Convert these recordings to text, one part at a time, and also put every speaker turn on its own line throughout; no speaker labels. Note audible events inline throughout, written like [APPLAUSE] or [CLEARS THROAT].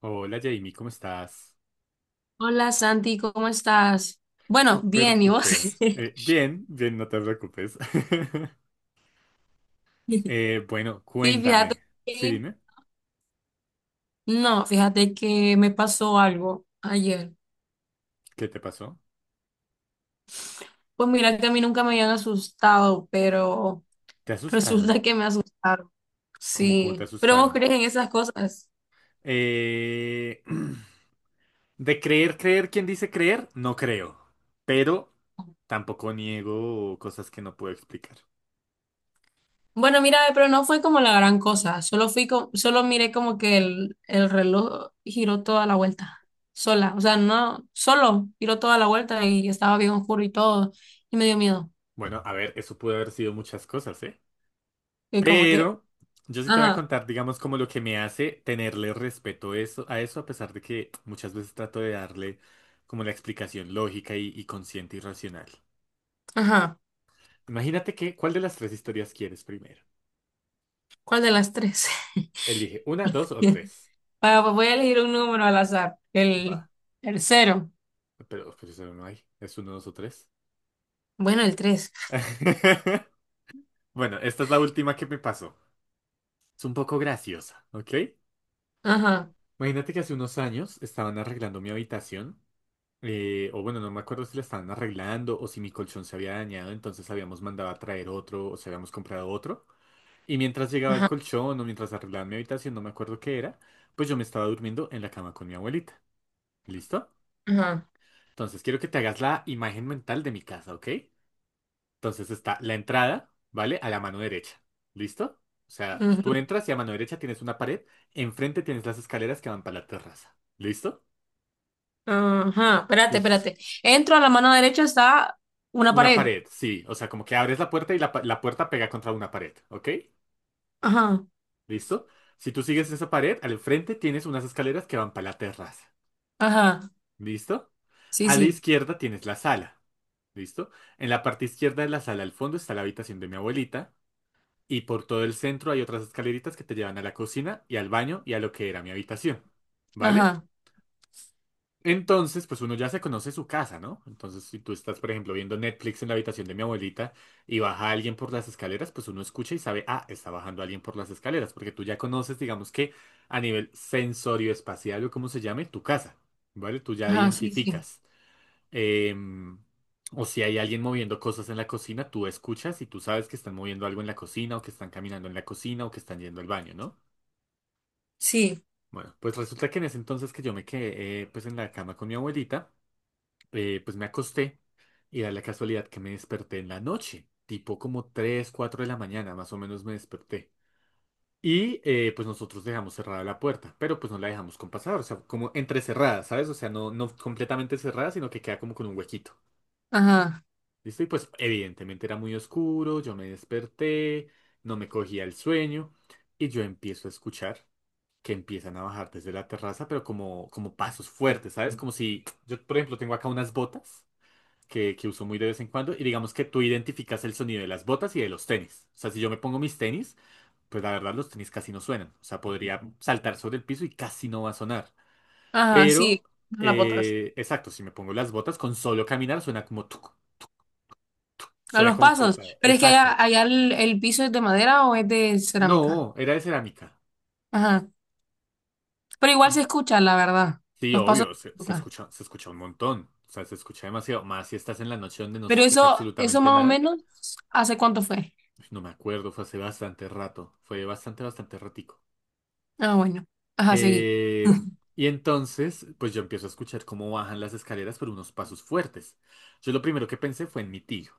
Hola Jamie, ¿cómo estás?
Hola Santi, ¿cómo estás? Bueno,
Súper,
bien, ¿y vos?
duper.
[LAUGHS]
Bien, bien, no te preocupes. [LAUGHS] Bueno,
Sí, fíjate
cuéntame. Sí,
que,
dime,
no, fíjate que me pasó algo ayer.
¿qué te pasó?
Pues mira que a mí nunca me habían asustado, pero
¿Te asustaron?
resulta que me asustaron.
¿Cómo te
Sí, pero vos
asustaron?
crees en esas cosas.
Eh, [CLEARS THROAT] de creer, creer, ¿quién dice creer? No creo. Pero tampoco niego cosas que no puedo explicar.
Bueno, mira, pero no fue como la gran cosa, solo solo miré como que el reloj giró toda la vuelta, sola, o sea, no, solo giró toda la vuelta y estaba bien oscuro y todo, y me dio miedo.
Bueno, a ver, eso puede haber sido muchas cosas, ¿eh?
Y como que
Pero yo sí te voy a
ajá,
contar, digamos, como lo que me hace tenerle respeto eso, a eso, a pesar de que muchas veces trato de darle como la explicación lógica y consciente y racional.
ajá.
Imagínate que, ¿cuál de las tres historias quieres primero?
¿Cuál de las tres? [LAUGHS]
Elige una, dos o tres.
Bueno, pues voy a elegir un número al azar.
Va.
El cero.
Pero eso no hay. ¿Es uno, dos o tres?
Bueno, el tres.
[LAUGHS] Bueno, esta es la última que me pasó. Es un poco graciosa, ¿ok?
Ajá,
Imagínate que hace unos años estaban arreglando mi habitación. O bueno, no me acuerdo si la estaban arreglando o si mi colchón se había dañado, entonces habíamos mandado a traer otro o si habíamos comprado otro. Y mientras llegaba el
ajá,
colchón o mientras arreglaban mi habitación, no me acuerdo qué era, pues yo me estaba durmiendo en la cama con mi abuelita. ¿Listo?
ajá.
Entonces quiero que te hagas la imagen mental de mi casa, ¿ok? Entonces está la entrada, ¿vale? A la mano derecha. ¿Listo? O sea,
Ujú,
tú entras y a mano derecha tienes una pared, enfrente tienes las escaleras que van para la terraza. ¿Listo?
ajá. Espérate,
Y,
espérate. Entro a la mano derecha, está una
una
pared.
pared, sí. O sea, como que abres la puerta y la puerta pega contra una pared, ¿ok?
Ajá,
¿Listo? Si tú sigues esa pared, al frente tienes unas escaleras que van para la terraza,
ajá.
¿listo?
Sí,
A la
sí.
izquierda tienes la sala, ¿listo? En la parte izquierda de la sala, al fondo, está la habitación de mi abuelita y por todo el centro hay otras escaleritas que te llevan a la cocina y al baño y a lo que era mi habitación, ¿vale?
Ajá,
Entonces, pues uno ya se conoce su casa, ¿no? Entonces, si tú estás, por ejemplo, viendo Netflix en la habitación de mi abuelita y baja alguien por las escaleras, pues uno escucha y sabe, ah, está bajando alguien por las escaleras, porque tú ya conoces, digamos que a nivel sensorio espacial o como se llame, tu casa, ¿vale? Tú ya
ajá, sí, sí.
identificas. em, o si hay alguien moviendo cosas en la cocina, tú escuchas y tú sabes que están moviendo algo en la cocina o que están caminando en la cocina o que están yendo al baño, ¿no?
Sí,
Bueno, pues resulta que en ese entonces que yo me quedé, pues en la cama con mi abuelita, pues me acosté y da la casualidad que me desperté en la noche, tipo como 3 4 de la mañana, más o menos me desperté. Y pues nosotros dejamos cerrada la puerta, pero pues no la dejamos con pasar, o sea, como entrecerrada, ¿sabes? O sea, no completamente cerrada, sino que queda como con un huequito.
ajá,
¿Listo? Y pues evidentemente era muy oscuro, yo me desperté, no me cogía el sueño y yo empiezo a escuchar que empiezan a bajar desde la terraza, pero como pasos fuertes, ¿sabes? Como si yo, por ejemplo, tengo acá unas botas que uso muy de vez en cuando. Y digamos que tú identificas el sonido de las botas y de los tenis. O sea, si yo me pongo mis tenis, pues la verdad los tenis casi no suenan. O sea, podría saltar sobre el piso y casi no va a sonar.
ajá,
Pero,
sí. Las botas.
exacto, si me pongo las botas, con solo caminar suena como tuc,
A
suena
los
como
pasos.
pesado.
Pero es que allá,
Exacto.
allá el piso es de madera o es de cerámica.
No, era de cerámica.
Ajá. Pero igual se escucha, la verdad.
Sí,
Los pasos
obvio,
se
se
escuchan.
escucha, se escucha un montón. O sea, se escucha demasiado. Más si estás en la noche donde no se
Pero
escucha
eso
absolutamente
más o
nada.
menos, ¿hace cuánto fue?
Uy, no me acuerdo, fue hace bastante rato. Fue bastante, bastante ratico.
Ah, bueno. Ajá, seguí.
Eh, y entonces, pues yo empiezo a escuchar cómo bajan las escaleras por unos pasos fuertes. Yo lo primero que pensé fue en mi tío,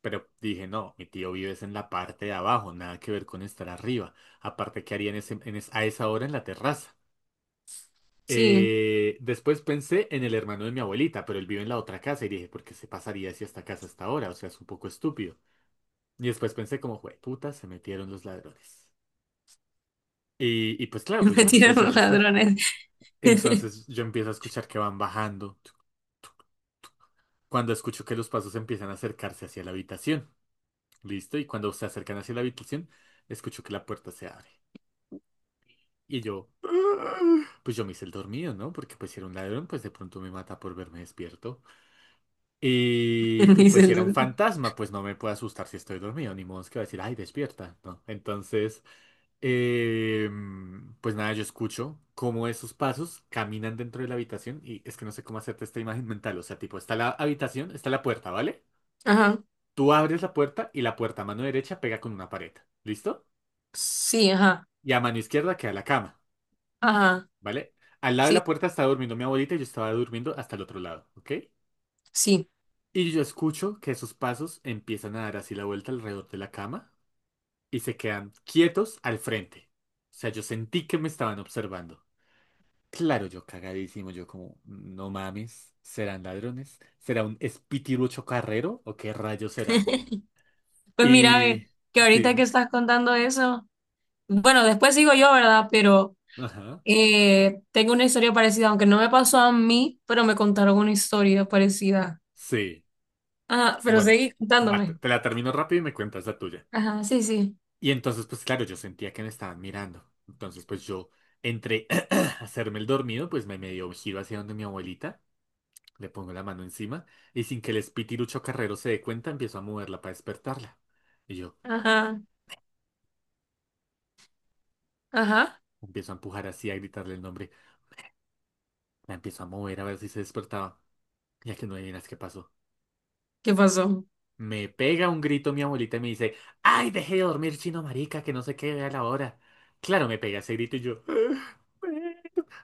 pero dije, no, mi tío vive es en la parte de abajo, nada que ver con estar arriba. Aparte, ¿qué haría en ese- en es- a esa hora en la terraza?
Sí,
Después pensé en el hermano de mi abuelita, pero él vive en la otra casa y dije, ¿por qué se pasaría hacia esta casa hasta ahora? O sea, es un poco estúpido. Y después pensé como, puta, se metieron los ladrones. Y pues
[LAUGHS]
claro, pues
me
yo me empecé
tiraron
a
los
asustar.
ladrones [LAUGHS]
Entonces yo empiezo a escuchar que van bajando. Cuando escucho que los pasos empiezan a acercarse hacia la habitación. ¿Listo? Y cuando se acercan hacia la habitación, escucho que la puerta se abre. Y yo... "Ah". Pues yo me hice el dormido, ¿no? Porque pues si era un ladrón, pues de pronto me mata por verme despierto. Y,
en
y
mi
pues si era un
celular.
fantasma, pues no me puede asustar si estoy dormido, ni modo es que va a decir, ay, despierta, ¿no? Entonces Eh, pues nada, yo escucho cómo esos pasos caminan dentro de la habitación y es que no sé cómo hacerte esta imagen [LAUGHS] mental. O sea, tipo, está la habitación, está la puerta, ¿vale?
Ajá.
Tú abres la puerta y la puerta a mano derecha pega con una pared. ¿Listo?
Sí, ajá.
Y a mano izquierda queda la cama,
Ajá.
¿vale? Al lado de
Sí,
la puerta estaba durmiendo mi abuelita y yo estaba durmiendo hasta el otro lado, ¿ok?
sí.
Y yo escucho que esos pasos empiezan a dar así la vuelta alrededor de la cama y se quedan quietos al frente. O sea, yo sentí que me estaban observando. Claro, yo cagadísimo, yo como, no mames, ¿serán ladrones? ¿Será un espitirucho carrero o qué rayo será?
Pues mira,
Y
ve, que ahorita que
sí,
estás contando eso, bueno, después sigo yo, ¿verdad? Pero
ajá,
tengo una historia parecida, aunque no me pasó a mí, pero me contaron una historia parecida.
sí.
Ajá, pero
Bueno,
seguí
va, te,
contándome.
te la termino rápido y me cuentas la tuya.
Ajá, sí, sí.
Y entonces, pues claro, yo sentía que me estaban mirando. Entonces, pues yo entré [CLEARS THROAT] a hacerme el dormido, pues me medio giro hacia donde mi abuelita, le pongo la mano encima y sin que el espitirucho carrero se dé cuenta, empiezo a moverla para despertarla. Y yo
Ajá, ajá.
empiezo a empujar así, a gritarle el nombre. La empiezo a mover a ver si se despertaba. Ya que no adivinas qué pasó.
¿Qué pasó?
Me pega un grito mi abuelita y me dice, ¡Ay, dejé de dormir, chino marica, que no sé qué a la hora! Claro, me pega ese grito y yo, "Ah, bueno,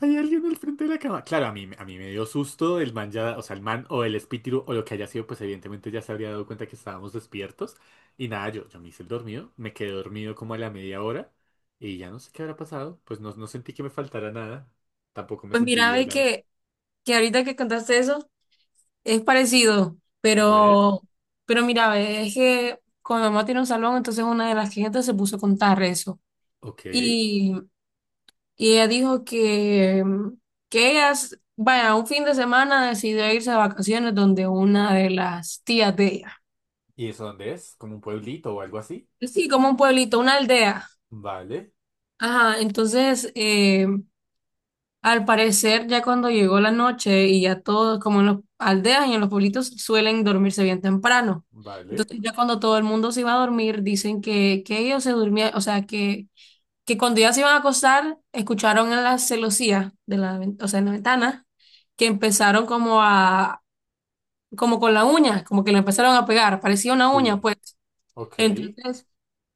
hay alguien al frente de la cama. Claro, a mí me dio susto, el man ya, o sea, el man o el espíritu o lo que haya sido, pues evidentemente ya se habría dado cuenta que estábamos despiertos. Y nada, yo me hice el dormido, me quedé dormido como a la media hora y ya no sé qué habrá pasado. Pues no, no sentí que me faltara nada. Tampoco me
Pues
sentí
mira, ve
violado.
que ahorita que contaste eso es parecido,
A ver,
pero mira, ve, es que con mi mamá tiene un salón, entonces una de las clientes se puso a contar eso.
ok.
Y, y ella dijo que, que ella, s- vaya, un fin de semana decidió irse de vacaciones donde una de las tías de ella.
¿Y eso dónde es? ¿Como un pueblito o algo así?
Sí, como un pueblito, una aldea.
Vale,
Ajá, entonces al parecer, ya cuando llegó la noche y ya todos, como en las aldeas y en los pueblitos, suelen dormirse bien temprano.
vale.
Entonces, ya cuando todo el mundo se iba a dormir, dicen que ellos se durmían, o sea, que cuando ya se iban a acostar, escucharon en la celosía, de o sea, en la ventana, que empezaron como a, como con la uña, como que la empezaron a pegar, parecía una uña,
Sí.
pues.
Ok,
Entonces,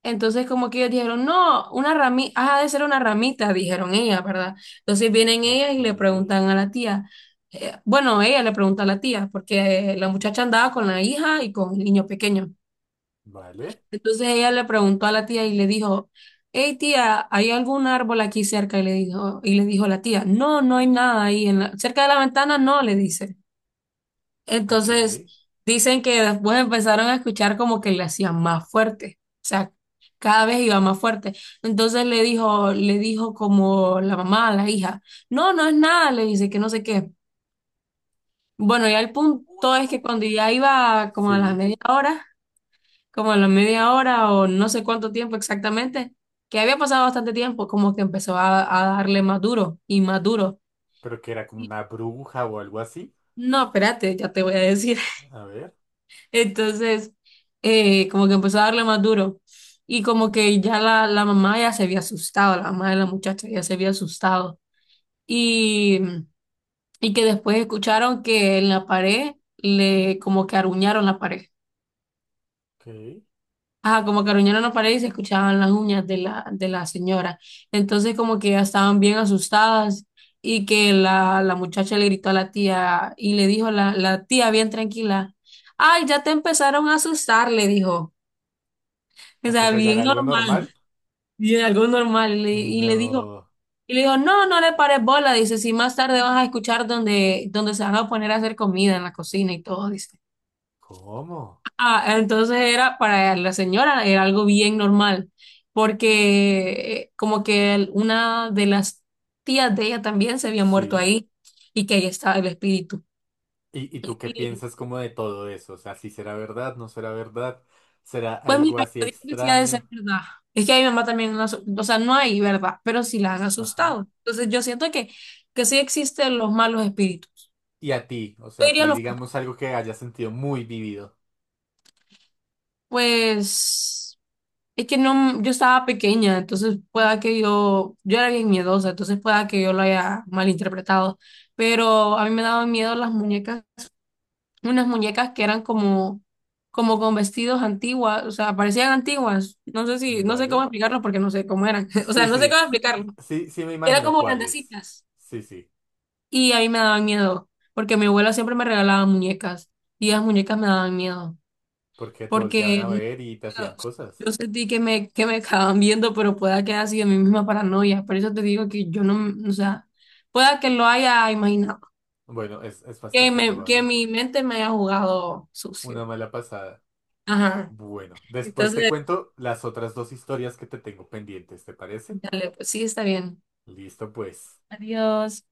entonces, como que ellos dijeron, no, una ramita, ha de ser una ramita, dijeron ellas, ¿verdad? Entonces vienen ellas
ok.
y le preguntan a la tía, bueno, ella le pregunta a la tía, porque la muchacha andaba con la hija y con el niño pequeño.
Vale,
Entonces ella le preguntó a la tía y le dijo, hey tía, ¿hay algún árbol aquí cerca? Y le dijo, la tía, no, no hay nada ahí, en cerca de la ventana no, le dice.
ok.
Entonces, dicen que después empezaron a escuchar como que le hacían más fuerte, o sea, cada vez iba más fuerte. Entonces le dijo como la mamá a la hija, no, no es nada, le dice que no sé qué. Bueno, ya el punto es que cuando ya iba como a las
Sí.
media hora, como a la media hora o no sé cuánto tiempo exactamente, que había pasado bastante tiempo, como que empezó a darle más duro.
Pero que era como
Y,
una bruja o algo así.
no, espérate, ya te voy a decir.
A ver,
Entonces, como que empezó a darle más duro. Y como que ya la mamá ya se había asustado, la mamá de la muchacha ya se había asustado. Y, y que después escucharon que en la pared le como que aruñaron la pared.
ok.
Ah, como que aruñaron la pared y se escuchaban las uñas de la señora. Entonces como que ya estaban bien asustadas y que la muchacha le gritó a la tía y le dijo la tía bien tranquila, ay, ya te empezaron a asustar, le dijo. O
O sea
sea,
que allá
bien
era algo normal.
normal, bien algo normal. Y y le digo,
No.
no, no le pares bola. Dice, si más tarde vas a escuchar donde se van a poner a hacer comida en la cocina y todo, dice.
¿Cómo?
Ah, entonces era para la señora, era algo bien normal, porque como que una de las tías de ella también se había muerto
Sí.
ahí y que ahí estaba el espíritu.
Y tú qué piensas como de todo eso? O sea, si será verdad, no será verdad. ¿Será
Pues
algo
mira,
así
yo digo que sí ha de ser
extraño?
verdad. Es que a mi mamá también, o sea, no hay verdad, pero sí las han
Ajá.
asustado. Entonces yo siento que sí existen los malos espíritus.
¿Y a ti? O
Yo
sea, a
diría
ti
los,
digamos algo que hayas sentido muy vivido.
pues, es que no, yo estaba pequeña, entonces pueda que yo era bien miedosa, entonces pueda que yo lo haya malinterpretado, pero a mí me daban miedo las muñecas, unas muñecas que eran como, como con vestidos antiguas, o sea, parecían antiguas. No sé si, no sé cómo
Vale.
explicarlo porque no sé cómo eran. [LAUGHS] O sea,
Sí,
no sé
sí,
cómo explicarlo.
sí, sí me
Eran
imagino
como
cuáles.
grandecitas.
Sí, sí.
Y a mí me daban miedo, porque mi abuela siempre me regalaba muñecas. Y las muñecas me daban miedo,
Porque te volteaban a
porque
ver y te
yo,
hacían cosas.
yo sentí que que me acaban viendo, pero pueda que haya sido mi misma paranoia. Por eso te digo que yo no, o sea, pueda que lo haya imaginado,
Bueno, es bastante
que
probable.
mi mente me haya jugado
Una
sucio.
mala pasada.
Ajá.
Bueno, después te
Entonces,
cuento las otras dos historias que te tengo pendientes, ¿te parece?
dale, pues sí, está bien.
Listo, pues.
Adiós.